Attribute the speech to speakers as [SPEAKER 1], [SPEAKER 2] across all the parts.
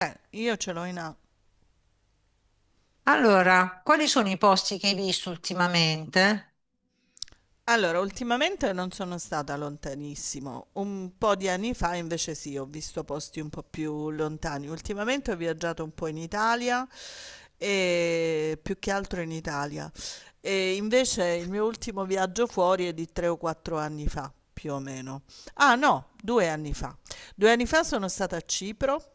[SPEAKER 1] Io ce l'ho in A.
[SPEAKER 2] Allora, quali sono i posti che hai visto ultimamente?
[SPEAKER 1] Allora, ultimamente non sono stata lontanissimo, un po' di anni fa invece sì, ho visto posti un po' più lontani. Ultimamente ho viaggiato un po' in Italia e più che altro in Italia. E invece il mio ultimo viaggio fuori è di 3 o 4 anni fa, più o meno. Ah no, 2 anni fa. 2 anni fa sono stata a Cipro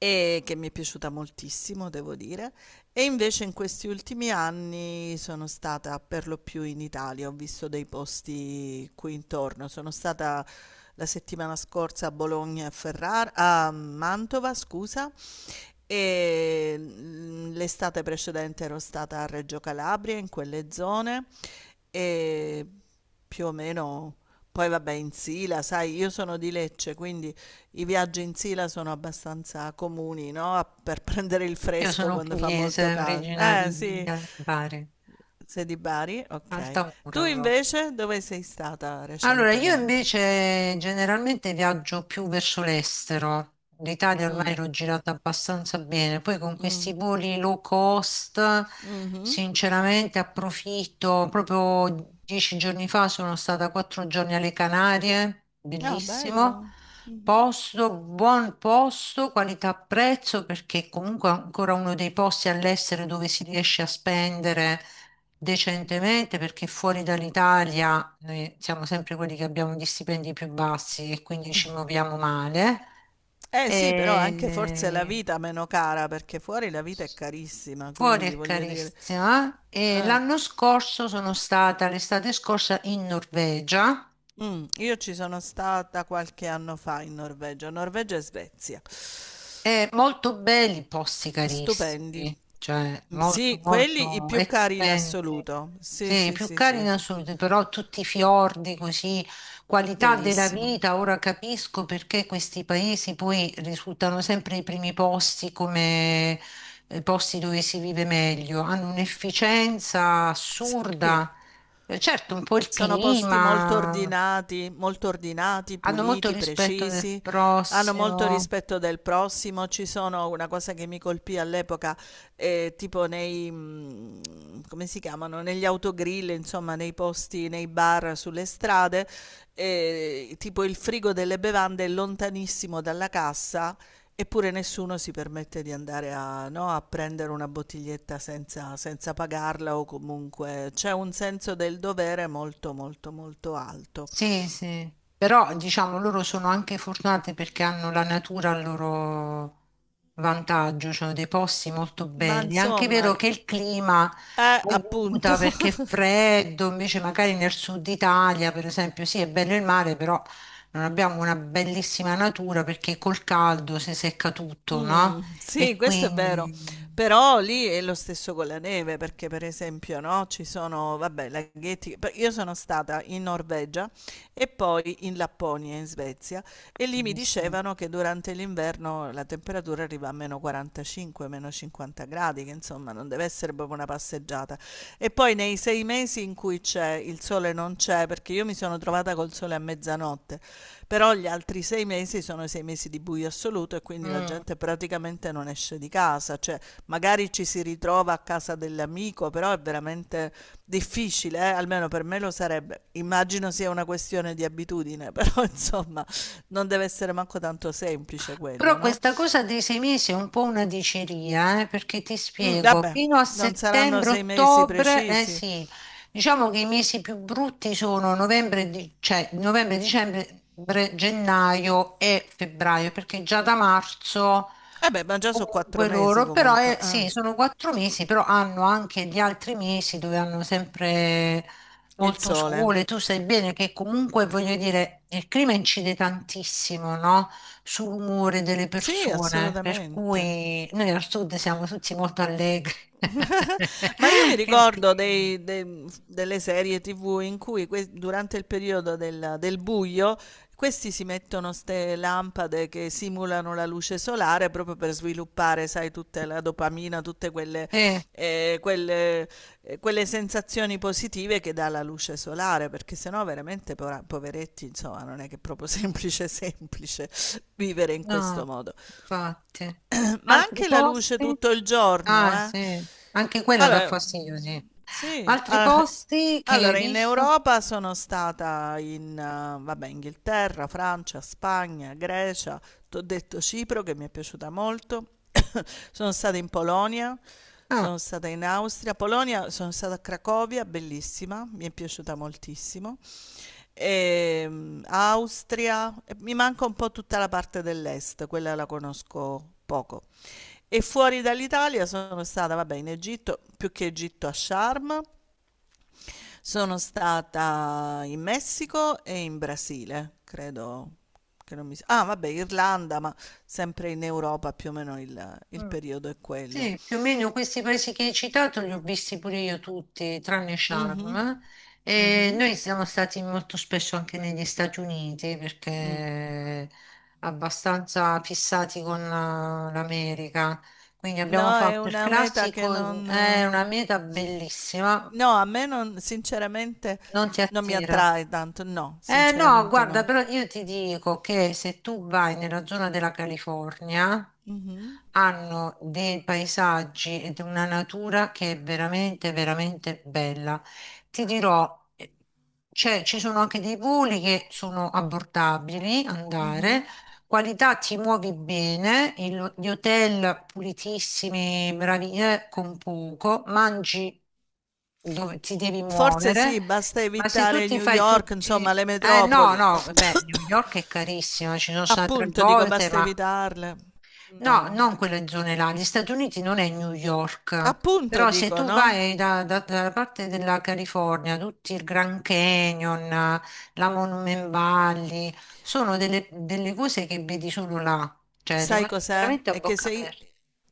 [SPEAKER 1] e che mi è piaciuta moltissimo, devo dire. E invece in questi ultimi anni sono stata per lo più in Italia, ho visto dei posti qui intorno. Sono stata la settimana scorsa a Bologna e a Ferrara, a Mantova, scusa, e l'estate precedente ero stata a Reggio Calabria, in quelle zone, e più o meno. Poi vabbè, in Sila, sai, io sono di Lecce, quindi i viaggi in Sila sono abbastanza comuni, no? Per prendere il
[SPEAKER 2] Io
[SPEAKER 1] fresco
[SPEAKER 2] sono
[SPEAKER 1] quando fa molto
[SPEAKER 2] pugliese,
[SPEAKER 1] caldo.
[SPEAKER 2] originaria
[SPEAKER 1] Eh
[SPEAKER 2] di
[SPEAKER 1] sì,
[SPEAKER 2] Bari,
[SPEAKER 1] sei di Bari? Ok.
[SPEAKER 2] Altamura.
[SPEAKER 1] Tu invece dove sei stata
[SPEAKER 2] Allora, io
[SPEAKER 1] recentemente?
[SPEAKER 2] invece generalmente viaggio più verso l'estero. L'Italia ormai
[SPEAKER 1] Mm,
[SPEAKER 2] l'ho girata abbastanza bene. Poi con
[SPEAKER 1] mm,
[SPEAKER 2] questi voli low cost,
[SPEAKER 1] mhm.
[SPEAKER 2] sinceramente approfitto. Proprio dieci giorni fa sono stata quattro giorni alle Canarie,
[SPEAKER 1] Ah,
[SPEAKER 2] bellissimo.
[SPEAKER 1] bello. Mhm.
[SPEAKER 2] Posto, buon posto, qualità prezzo, perché comunque è ancora uno dei posti all'estero dove si riesce a spendere decentemente perché fuori dall'Italia noi siamo sempre quelli che abbiamo gli stipendi più bassi e quindi ci muoviamo male.
[SPEAKER 1] Eh sì, però anche forse la
[SPEAKER 2] E
[SPEAKER 1] vita meno cara, perché fuori la vita è carissima,
[SPEAKER 2] fuori
[SPEAKER 1] quindi
[SPEAKER 2] è
[SPEAKER 1] voglio dire.
[SPEAKER 2] carissima e
[SPEAKER 1] eh,
[SPEAKER 2] l'anno scorso sono stata, l'estate scorsa, in Norvegia.
[SPEAKER 1] mm, io ci sono stata qualche anno fa in Norvegia, Norvegia e Svezia.
[SPEAKER 2] Molto belli, i posti
[SPEAKER 1] Stupendi.
[SPEAKER 2] carissimi, cioè
[SPEAKER 1] Mm,
[SPEAKER 2] molto
[SPEAKER 1] sì, quelli i
[SPEAKER 2] molto
[SPEAKER 1] più cari in
[SPEAKER 2] expensive,
[SPEAKER 1] assoluto. Sì,
[SPEAKER 2] sì,
[SPEAKER 1] sì,
[SPEAKER 2] più
[SPEAKER 1] sì,
[SPEAKER 2] cari
[SPEAKER 1] sì,
[SPEAKER 2] in
[SPEAKER 1] sì.
[SPEAKER 2] assoluto, però tutti i fiordi così, qualità della
[SPEAKER 1] Bellissimo.
[SPEAKER 2] vita, ora capisco perché questi paesi poi risultano sempre i primi posti come posti dove si vive meglio, hanno un'efficienza
[SPEAKER 1] Sì, sì.
[SPEAKER 2] assurda. Certo un po' il
[SPEAKER 1] Sono posti
[SPEAKER 2] clima,
[SPEAKER 1] molto ordinati,
[SPEAKER 2] hanno molto
[SPEAKER 1] puliti,
[SPEAKER 2] rispetto del
[SPEAKER 1] precisi, hanno molto
[SPEAKER 2] prossimo.
[SPEAKER 1] rispetto del prossimo. Ci sono una cosa che mi colpì all'epoca, tipo come si chiamano, negli autogrill, insomma, nei posti, nei bar sulle strade, tipo il frigo delle bevande è lontanissimo dalla cassa. Eppure nessuno si permette di andare a, no, a prendere una bottiglietta senza pagarla, o comunque c'è un senso del dovere molto molto molto alto.
[SPEAKER 2] Sì, sì, però diciamo loro sono anche fortunate perché hanno la natura a loro vantaggio, cioè dei posti molto
[SPEAKER 1] Ma
[SPEAKER 2] belli. È anche
[SPEAKER 1] insomma,
[SPEAKER 2] vero che il clima
[SPEAKER 1] appunto.
[SPEAKER 2] aiuta perché è freddo, invece magari nel sud Italia, per esempio, sì, è bello il mare, però non abbiamo una bellissima natura perché col caldo si secca tutto, no?
[SPEAKER 1] Sì,
[SPEAKER 2] E
[SPEAKER 1] questo è vero,
[SPEAKER 2] quindi...
[SPEAKER 1] però lì è lo stesso con la neve, perché per esempio, no, ci sono, vabbè, laghetti. Pe io sono stata in Norvegia e poi in Lapponia, in Svezia, e lì mi
[SPEAKER 2] Benissimo.
[SPEAKER 1] dicevano che durante l'inverno la temperatura arriva a -45, -50 gradi, che insomma non deve essere proprio una passeggiata. E poi nei 6 mesi in cui c'è il sole non c'è, perché io mi sono trovata col sole a mezzanotte, però gli altri 6 mesi sono i 6 mesi di buio assoluto e quindi la
[SPEAKER 2] Mm.
[SPEAKER 1] gente praticamente non esce di casa, cioè magari ci si ritrova a casa dell'amico, però è veramente difficile. Almeno per me lo sarebbe. Immagino sia una questione di abitudine, però insomma non deve essere manco tanto semplice
[SPEAKER 2] Però
[SPEAKER 1] quello, no?
[SPEAKER 2] questa cosa dei sei mesi è un po' una diceria, perché ti
[SPEAKER 1] Mm,
[SPEAKER 2] spiego,
[SPEAKER 1] vabbè,
[SPEAKER 2] fino a
[SPEAKER 1] non saranno 6 mesi
[SPEAKER 2] settembre-ottobre, eh
[SPEAKER 1] precisi.
[SPEAKER 2] sì, diciamo che i mesi più brutti sono novembre, cioè novembre, dicembre, gennaio e febbraio, perché già da marzo
[SPEAKER 1] Vabbè, ma già sono quattro
[SPEAKER 2] comunque
[SPEAKER 1] mesi
[SPEAKER 2] loro, però
[SPEAKER 1] comunque. Ah,
[SPEAKER 2] sì, sono quattro mesi, però hanno anche gli altri mesi dove hanno sempre
[SPEAKER 1] il
[SPEAKER 2] molto
[SPEAKER 1] sole.
[SPEAKER 2] sole, tu sai bene che comunque voglio dire, il clima incide tantissimo, no? Sull'umore delle
[SPEAKER 1] Sì,
[SPEAKER 2] persone, per
[SPEAKER 1] assolutamente.
[SPEAKER 2] cui noi al sud siamo tutti molto allegri.
[SPEAKER 1] Ma io mi
[SPEAKER 2] Il
[SPEAKER 1] ricordo
[SPEAKER 2] clima.
[SPEAKER 1] delle serie TV in cui durante il periodo del buio, questi si mettono ste lampade che simulano la luce solare proprio per sviluppare, sai, tutta la dopamina, tutte
[SPEAKER 2] Eh,
[SPEAKER 1] eh, quelle, quelle sensazioni positive che dà la luce solare, perché sennò veramente poveretti, insomma, non è che è proprio semplice, semplice vivere in questo
[SPEAKER 2] no,
[SPEAKER 1] modo.
[SPEAKER 2] infatti.
[SPEAKER 1] Ma
[SPEAKER 2] Altri
[SPEAKER 1] anche la luce
[SPEAKER 2] posti?
[SPEAKER 1] tutto il giorno,
[SPEAKER 2] Ah,
[SPEAKER 1] eh?
[SPEAKER 2] sì, anche quella dà
[SPEAKER 1] Allora,
[SPEAKER 2] fastidio, sì.
[SPEAKER 1] sì,
[SPEAKER 2] Altri
[SPEAKER 1] ah,
[SPEAKER 2] posti che hai
[SPEAKER 1] allora in
[SPEAKER 2] visto?
[SPEAKER 1] Europa sono stata in, vabbè, Inghilterra, Francia, Spagna, Grecia, t'ho detto Cipro che mi è piaciuta molto, sono stata in Polonia,
[SPEAKER 2] Ah,
[SPEAKER 1] sono stata in Austria, Polonia, sono stata a Cracovia, bellissima, mi è piaciuta moltissimo. Austria, e mi manca un po' tutta la parte dell'est, quella la conosco poco. E fuori dall'Italia sono stata, vabbè, in Egitto, più che Egitto a Sharm, sono stata in Messico e in Brasile, credo che non mi... Ah, vabbè, Irlanda, ma sempre in Europa più o meno il
[SPEAKER 2] mm.
[SPEAKER 1] periodo è quello.
[SPEAKER 2] Sì, più o meno questi paesi che hai citato li ho visti pure io tutti, tranne
[SPEAKER 1] Mhm,
[SPEAKER 2] Sharm. E
[SPEAKER 1] mhm,
[SPEAKER 2] noi siamo stati molto spesso anche negli Stati Uniti
[SPEAKER 1] mm.
[SPEAKER 2] perché abbastanza fissati con l'America. Quindi abbiamo
[SPEAKER 1] No, è
[SPEAKER 2] fatto il
[SPEAKER 1] una meta che
[SPEAKER 2] classico,
[SPEAKER 1] non...
[SPEAKER 2] è una meta bellissima,
[SPEAKER 1] No, a me non, sinceramente
[SPEAKER 2] non ti
[SPEAKER 1] non mi
[SPEAKER 2] attira.
[SPEAKER 1] attrae tanto, no,
[SPEAKER 2] Eh no,
[SPEAKER 1] sinceramente
[SPEAKER 2] guarda,
[SPEAKER 1] no.
[SPEAKER 2] però io ti dico che se tu vai nella zona della California,
[SPEAKER 1] Mhm,
[SPEAKER 2] hanno dei paesaggi ed una natura che è veramente, veramente bella. Ti dirò, ci sono anche dei voli che sono abbordabili, andare,
[SPEAKER 1] mhm.
[SPEAKER 2] qualità ti muovi bene, gli hotel pulitissimi, bravi, con poco, mangi dove ti devi
[SPEAKER 1] Forse
[SPEAKER 2] muovere.
[SPEAKER 1] sì, basta
[SPEAKER 2] Ma se tu
[SPEAKER 1] evitare
[SPEAKER 2] ti
[SPEAKER 1] New
[SPEAKER 2] fai
[SPEAKER 1] York,
[SPEAKER 2] tutti...
[SPEAKER 1] insomma, le
[SPEAKER 2] Eh no,
[SPEAKER 1] metropoli, no?
[SPEAKER 2] no, beh, New York è carissima, ci sono stata tre
[SPEAKER 1] Appunto, dico,
[SPEAKER 2] volte,
[SPEAKER 1] basta
[SPEAKER 2] ma
[SPEAKER 1] evitarle.
[SPEAKER 2] no,
[SPEAKER 1] No.
[SPEAKER 2] non quelle zone là. Gli Stati Uniti non è New York,
[SPEAKER 1] Appunto,
[SPEAKER 2] però se
[SPEAKER 1] dico,
[SPEAKER 2] tu
[SPEAKER 1] no?
[SPEAKER 2] vai dalla parte della California, tutti il Grand Canyon, la Monument Valley, sono delle, delle cose che vedi solo là, cioè
[SPEAKER 1] Sai
[SPEAKER 2] rimani
[SPEAKER 1] cos'è?
[SPEAKER 2] veramente a
[SPEAKER 1] È che
[SPEAKER 2] bocca
[SPEAKER 1] se
[SPEAKER 2] aperta.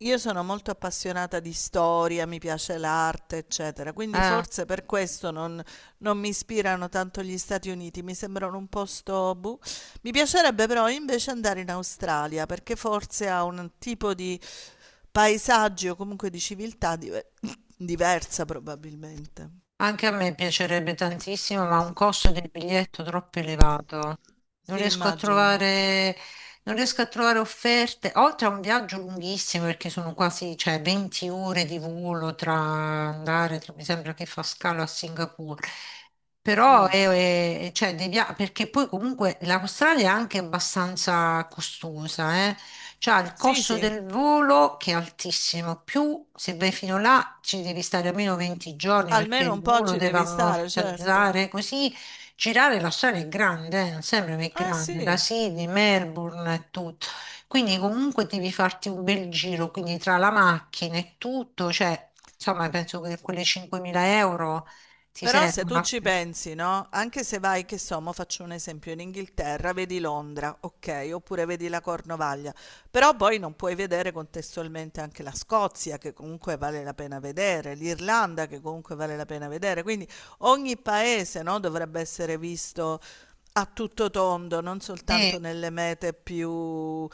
[SPEAKER 1] io sono molto appassionata di storia, mi piace l'arte, eccetera, quindi
[SPEAKER 2] Eh.
[SPEAKER 1] forse per questo non mi ispirano tanto gli Stati Uniti, mi sembrano un posto... boh. Mi piacerebbe però invece andare in Australia, perché forse ha un tipo di paesaggi o comunque di civiltà diversa probabilmente.
[SPEAKER 2] Anche a me piacerebbe tantissimo, ma ha un costo del biglietto troppo elevato. Non
[SPEAKER 1] Sì,
[SPEAKER 2] riesco a
[SPEAKER 1] immagino.
[SPEAKER 2] trovare, non riesco a trovare offerte, oltre a un viaggio lunghissimo, perché sono quasi, cioè, 20 ore di volo tra andare, tra- mi sembra che fa scalo a Singapore. Però
[SPEAKER 1] Mm.
[SPEAKER 2] cioè, perché poi comunque l'Australia è anche abbastanza costosa, eh. C'ha il
[SPEAKER 1] Sì,
[SPEAKER 2] costo
[SPEAKER 1] sì,
[SPEAKER 2] del volo che è altissimo, più se vai fino là ci devi stare almeno 20 giorni perché
[SPEAKER 1] almeno
[SPEAKER 2] il
[SPEAKER 1] un po'
[SPEAKER 2] volo
[SPEAKER 1] ci
[SPEAKER 2] deve
[SPEAKER 1] devi stare, certo.
[SPEAKER 2] ammortizzare, così girare la strada è grande, non sembra che è
[SPEAKER 1] Eh
[SPEAKER 2] grande, da
[SPEAKER 1] sì,
[SPEAKER 2] Sydney, Melbourne e tutto. Quindi comunque devi farti un bel giro, quindi tra la macchina e tutto, cioè, insomma, penso che quelle 5.000 euro ti
[SPEAKER 1] però se tu
[SPEAKER 2] servono.
[SPEAKER 1] ci pensi, no? Anche se vai, che so, mo faccio un esempio, in Inghilterra vedi Londra, ok, oppure vedi la Cornovaglia, però poi non puoi vedere contestualmente anche la Scozia, che comunque vale la pena vedere, l'Irlanda, che comunque vale la pena vedere, quindi ogni paese, no, dovrebbe essere visto a tutto tondo, non soltanto
[SPEAKER 2] Sì,
[SPEAKER 1] nelle mete più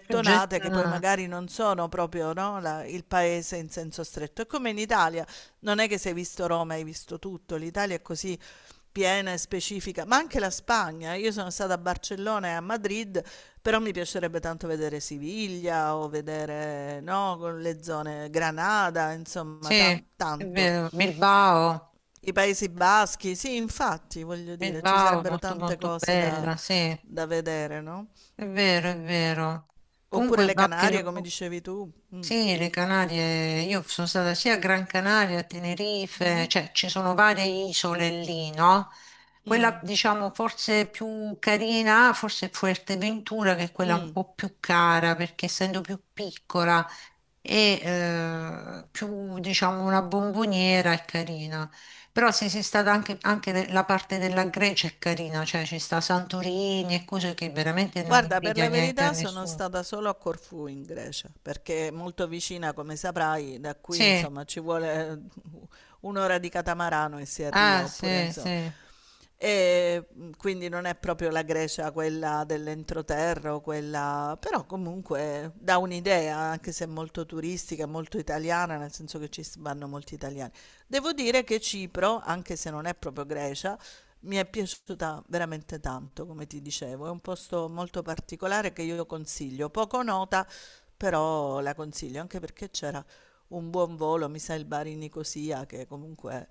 [SPEAKER 2] più
[SPEAKER 1] che poi
[SPEAKER 2] gettonate.
[SPEAKER 1] magari non sono proprio, no, il paese in senso stretto. È come in Italia, non è che se hai visto Roma hai visto tutto, l'Italia è così piena e specifica, ma anche la Spagna. Io sono stata a Barcellona e a Madrid, però mi piacerebbe tanto vedere Siviglia o vedere, no, con le zone Granada,
[SPEAKER 2] Sì,
[SPEAKER 1] insomma,
[SPEAKER 2] è
[SPEAKER 1] tanto.
[SPEAKER 2] vero, Bilbao.
[SPEAKER 1] I Paesi Baschi, sì, infatti, voglio dire, ci
[SPEAKER 2] Bilbao,
[SPEAKER 1] sarebbero
[SPEAKER 2] molto
[SPEAKER 1] tante
[SPEAKER 2] molto
[SPEAKER 1] cose da
[SPEAKER 2] bella, sì, è
[SPEAKER 1] vedere, no?
[SPEAKER 2] vero, è vero.
[SPEAKER 1] Oppure
[SPEAKER 2] Comunque,
[SPEAKER 1] le
[SPEAKER 2] anche,
[SPEAKER 1] Canarie, come dicevi tu. Mm.
[SPEAKER 2] sì, le Canarie, io sono stata sia a Gran Canaria, a Tenerife,
[SPEAKER 1] Mhm.
[SPEAKER 2] cioè ci sono varie isole lì, no? Quella
[SPEAKER 1] Mm.
[SPEAKER 2] diciamo forse più carina, forse è Fuerteventura, che è quella un
[SPEAKER 1] Mm.
[SPEAKER 2] po' più cara, perché essendo più piccola e più diciamo una bomboniera è carina. Però se sei stata anche, anche la parte della Grecia è carina, cioè ci sta Santorini e cose che veramente non
[SPEAKER 1] Guarda, per
[SPEAKER 2] invidia
[SPEAKER 1] la
[SPEAKER 2] niente a
[SPEAKER 1] verità sono
[SPEAKER 2] nessuno.
[SPEAKER 1] stata solo a Corfù in Grecia, perché è molto vicina, come saprai, da qui
[SPEAKER 2] Sì,
[SPEAKER 1] insomma ci vuole un'ora di catamarano e si arriva,
[SPEAKER 2] ah
[SPEAKER 1] oppure
[SPEAKER 2] sì,
[SPEAKER 1] insomma.
[SPEAKER 2] sì.
[SPEAKER 1] E quindi non è proprio la Grecia quella dell'entroterra, o quella... però comunque dà un'idea, anche se è molto turistica, molto italiana, nel senso che ci vanno molti italiani. Devo dire che Cipro, anche se non è proprio Grecia, mi è piaciuta veramente tanto, come ti dicevo, è un posto molto particolare che io consiglio, poco nota, però la consiglio, anche perché c'era un buon volo, mi sa il Bari Nicosia, che comunque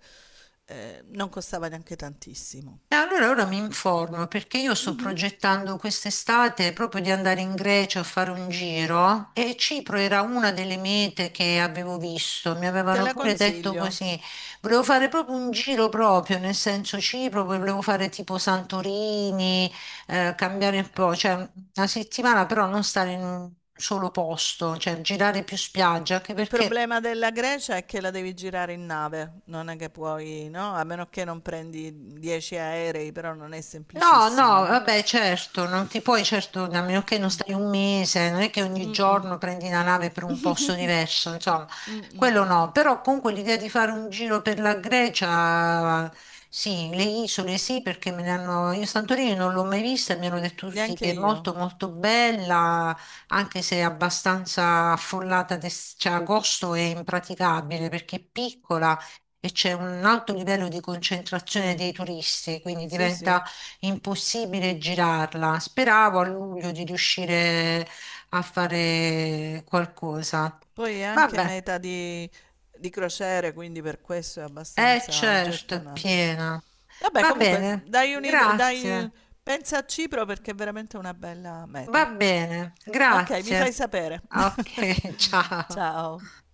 [SPEAKER 1] non costava neanche tantissimo.
[SPEAKER 2] E allora ora mi informo perché io sto
[SPEAKER 1] Mhm.
[SPEAKER 2] progettando quest'estate proprio di andare in Grecia a fare un giro e Cipro era una delle mete che avevo visto, mi
[SPEAKER 1] Te
[SPEAKER 2] avevano
[SPEAKER 1] la
[SPEAKER 2] pure detto
[SPEAKER 1] consiglio.
[SPEAKER 2] così. Volevo fare proprio un giro proprio, nel senso Cipro, poi volevo fare tipo Santorini, cambiare un po', cioè una settimana però non stare in un solo posto, cioè girare più spiaggia, anche
[SPEAKER 1] Il
[SPEAKER 2] perché
[SPEAKER 1] problema della Grecia è che la devi girare in nave, non è che puoi, no? A meno che non prendi 10 aerei, però non è
[SPEAKER 2] no, no,
[SPEAKER 1] semplicissimo, no?
[SPEAKER 2] vabbè, certo, non ti puoi, certo, a meno che non stai un mese, non è che ogni
[SPEAKER 1] Mm,
[SPEAKER 2] giorno prendi la nave per un posto
[SPEAKER 1] mm.
[SPEAKER 2] diverso, insomma,
[SPEAKER 1] Mm, mm,
[SPEAKER 2] quello
[SPEAKER 1] mm.
[SPEAKER 2] no, però comunque l'idea di fare un giro per la Grecia, sì, le isole sì, perché me ne hanno, io Santorini non l'ho mai vista, e mi hanno detto tutti
[SPEAKER 1] Neanche
[SPEAKER 2] che è
[SPEAKER 1] io.
[SPEAKER 2] molto molto bella, anche se è abbastanza affollata, cioè agosto è impraticabile perché è piccola e c'è un alto livello di concentrazione
[SPEAKER 1] Sì,
[SPEAKER 2] dei turisti, quindi
[SPEAKER 1] sì,
[SPEAKER 2] diventa
[SPEAKER 1] sì.
[SPEAKER 2] è impossibile girarla. Speravo a luglio di riuscire a fare qualcosa.
[SPEAKER 1] Poi è anche
[SPEAKER 2] Vabbè,
[SPEAKER 1] meta di crociere, quindi per questo è
[SPEAKER 2] è
[SPEAKER 1] abbastanza
[SPEAKER 2] certo, è
[SPEAKER 1] gettonata.
[SPEAKER 2] piena.
[SPEAKER 1] Vabbè,
[SPEAKER 2] Va
[SPEAKER 1] comunque,
[SPEAKER 2] bene,
[SPEAKER 1] dai, dai,
[SPEAKER 2] grazie.
[SPEAKER 1] pensa a Cipro perché è veramente una bella
[SPEAKER 2] Va
[SPEAKER 1] meta.
[SPEAKER 2] bene,
[SPEAKER 1] Ok, mi fai
[SPEAKER 2] grazie.
[SPEAKER 1] sapere.
[SPEAKER 2] Ok, ciao.
[SPEAKER 1] Ciao.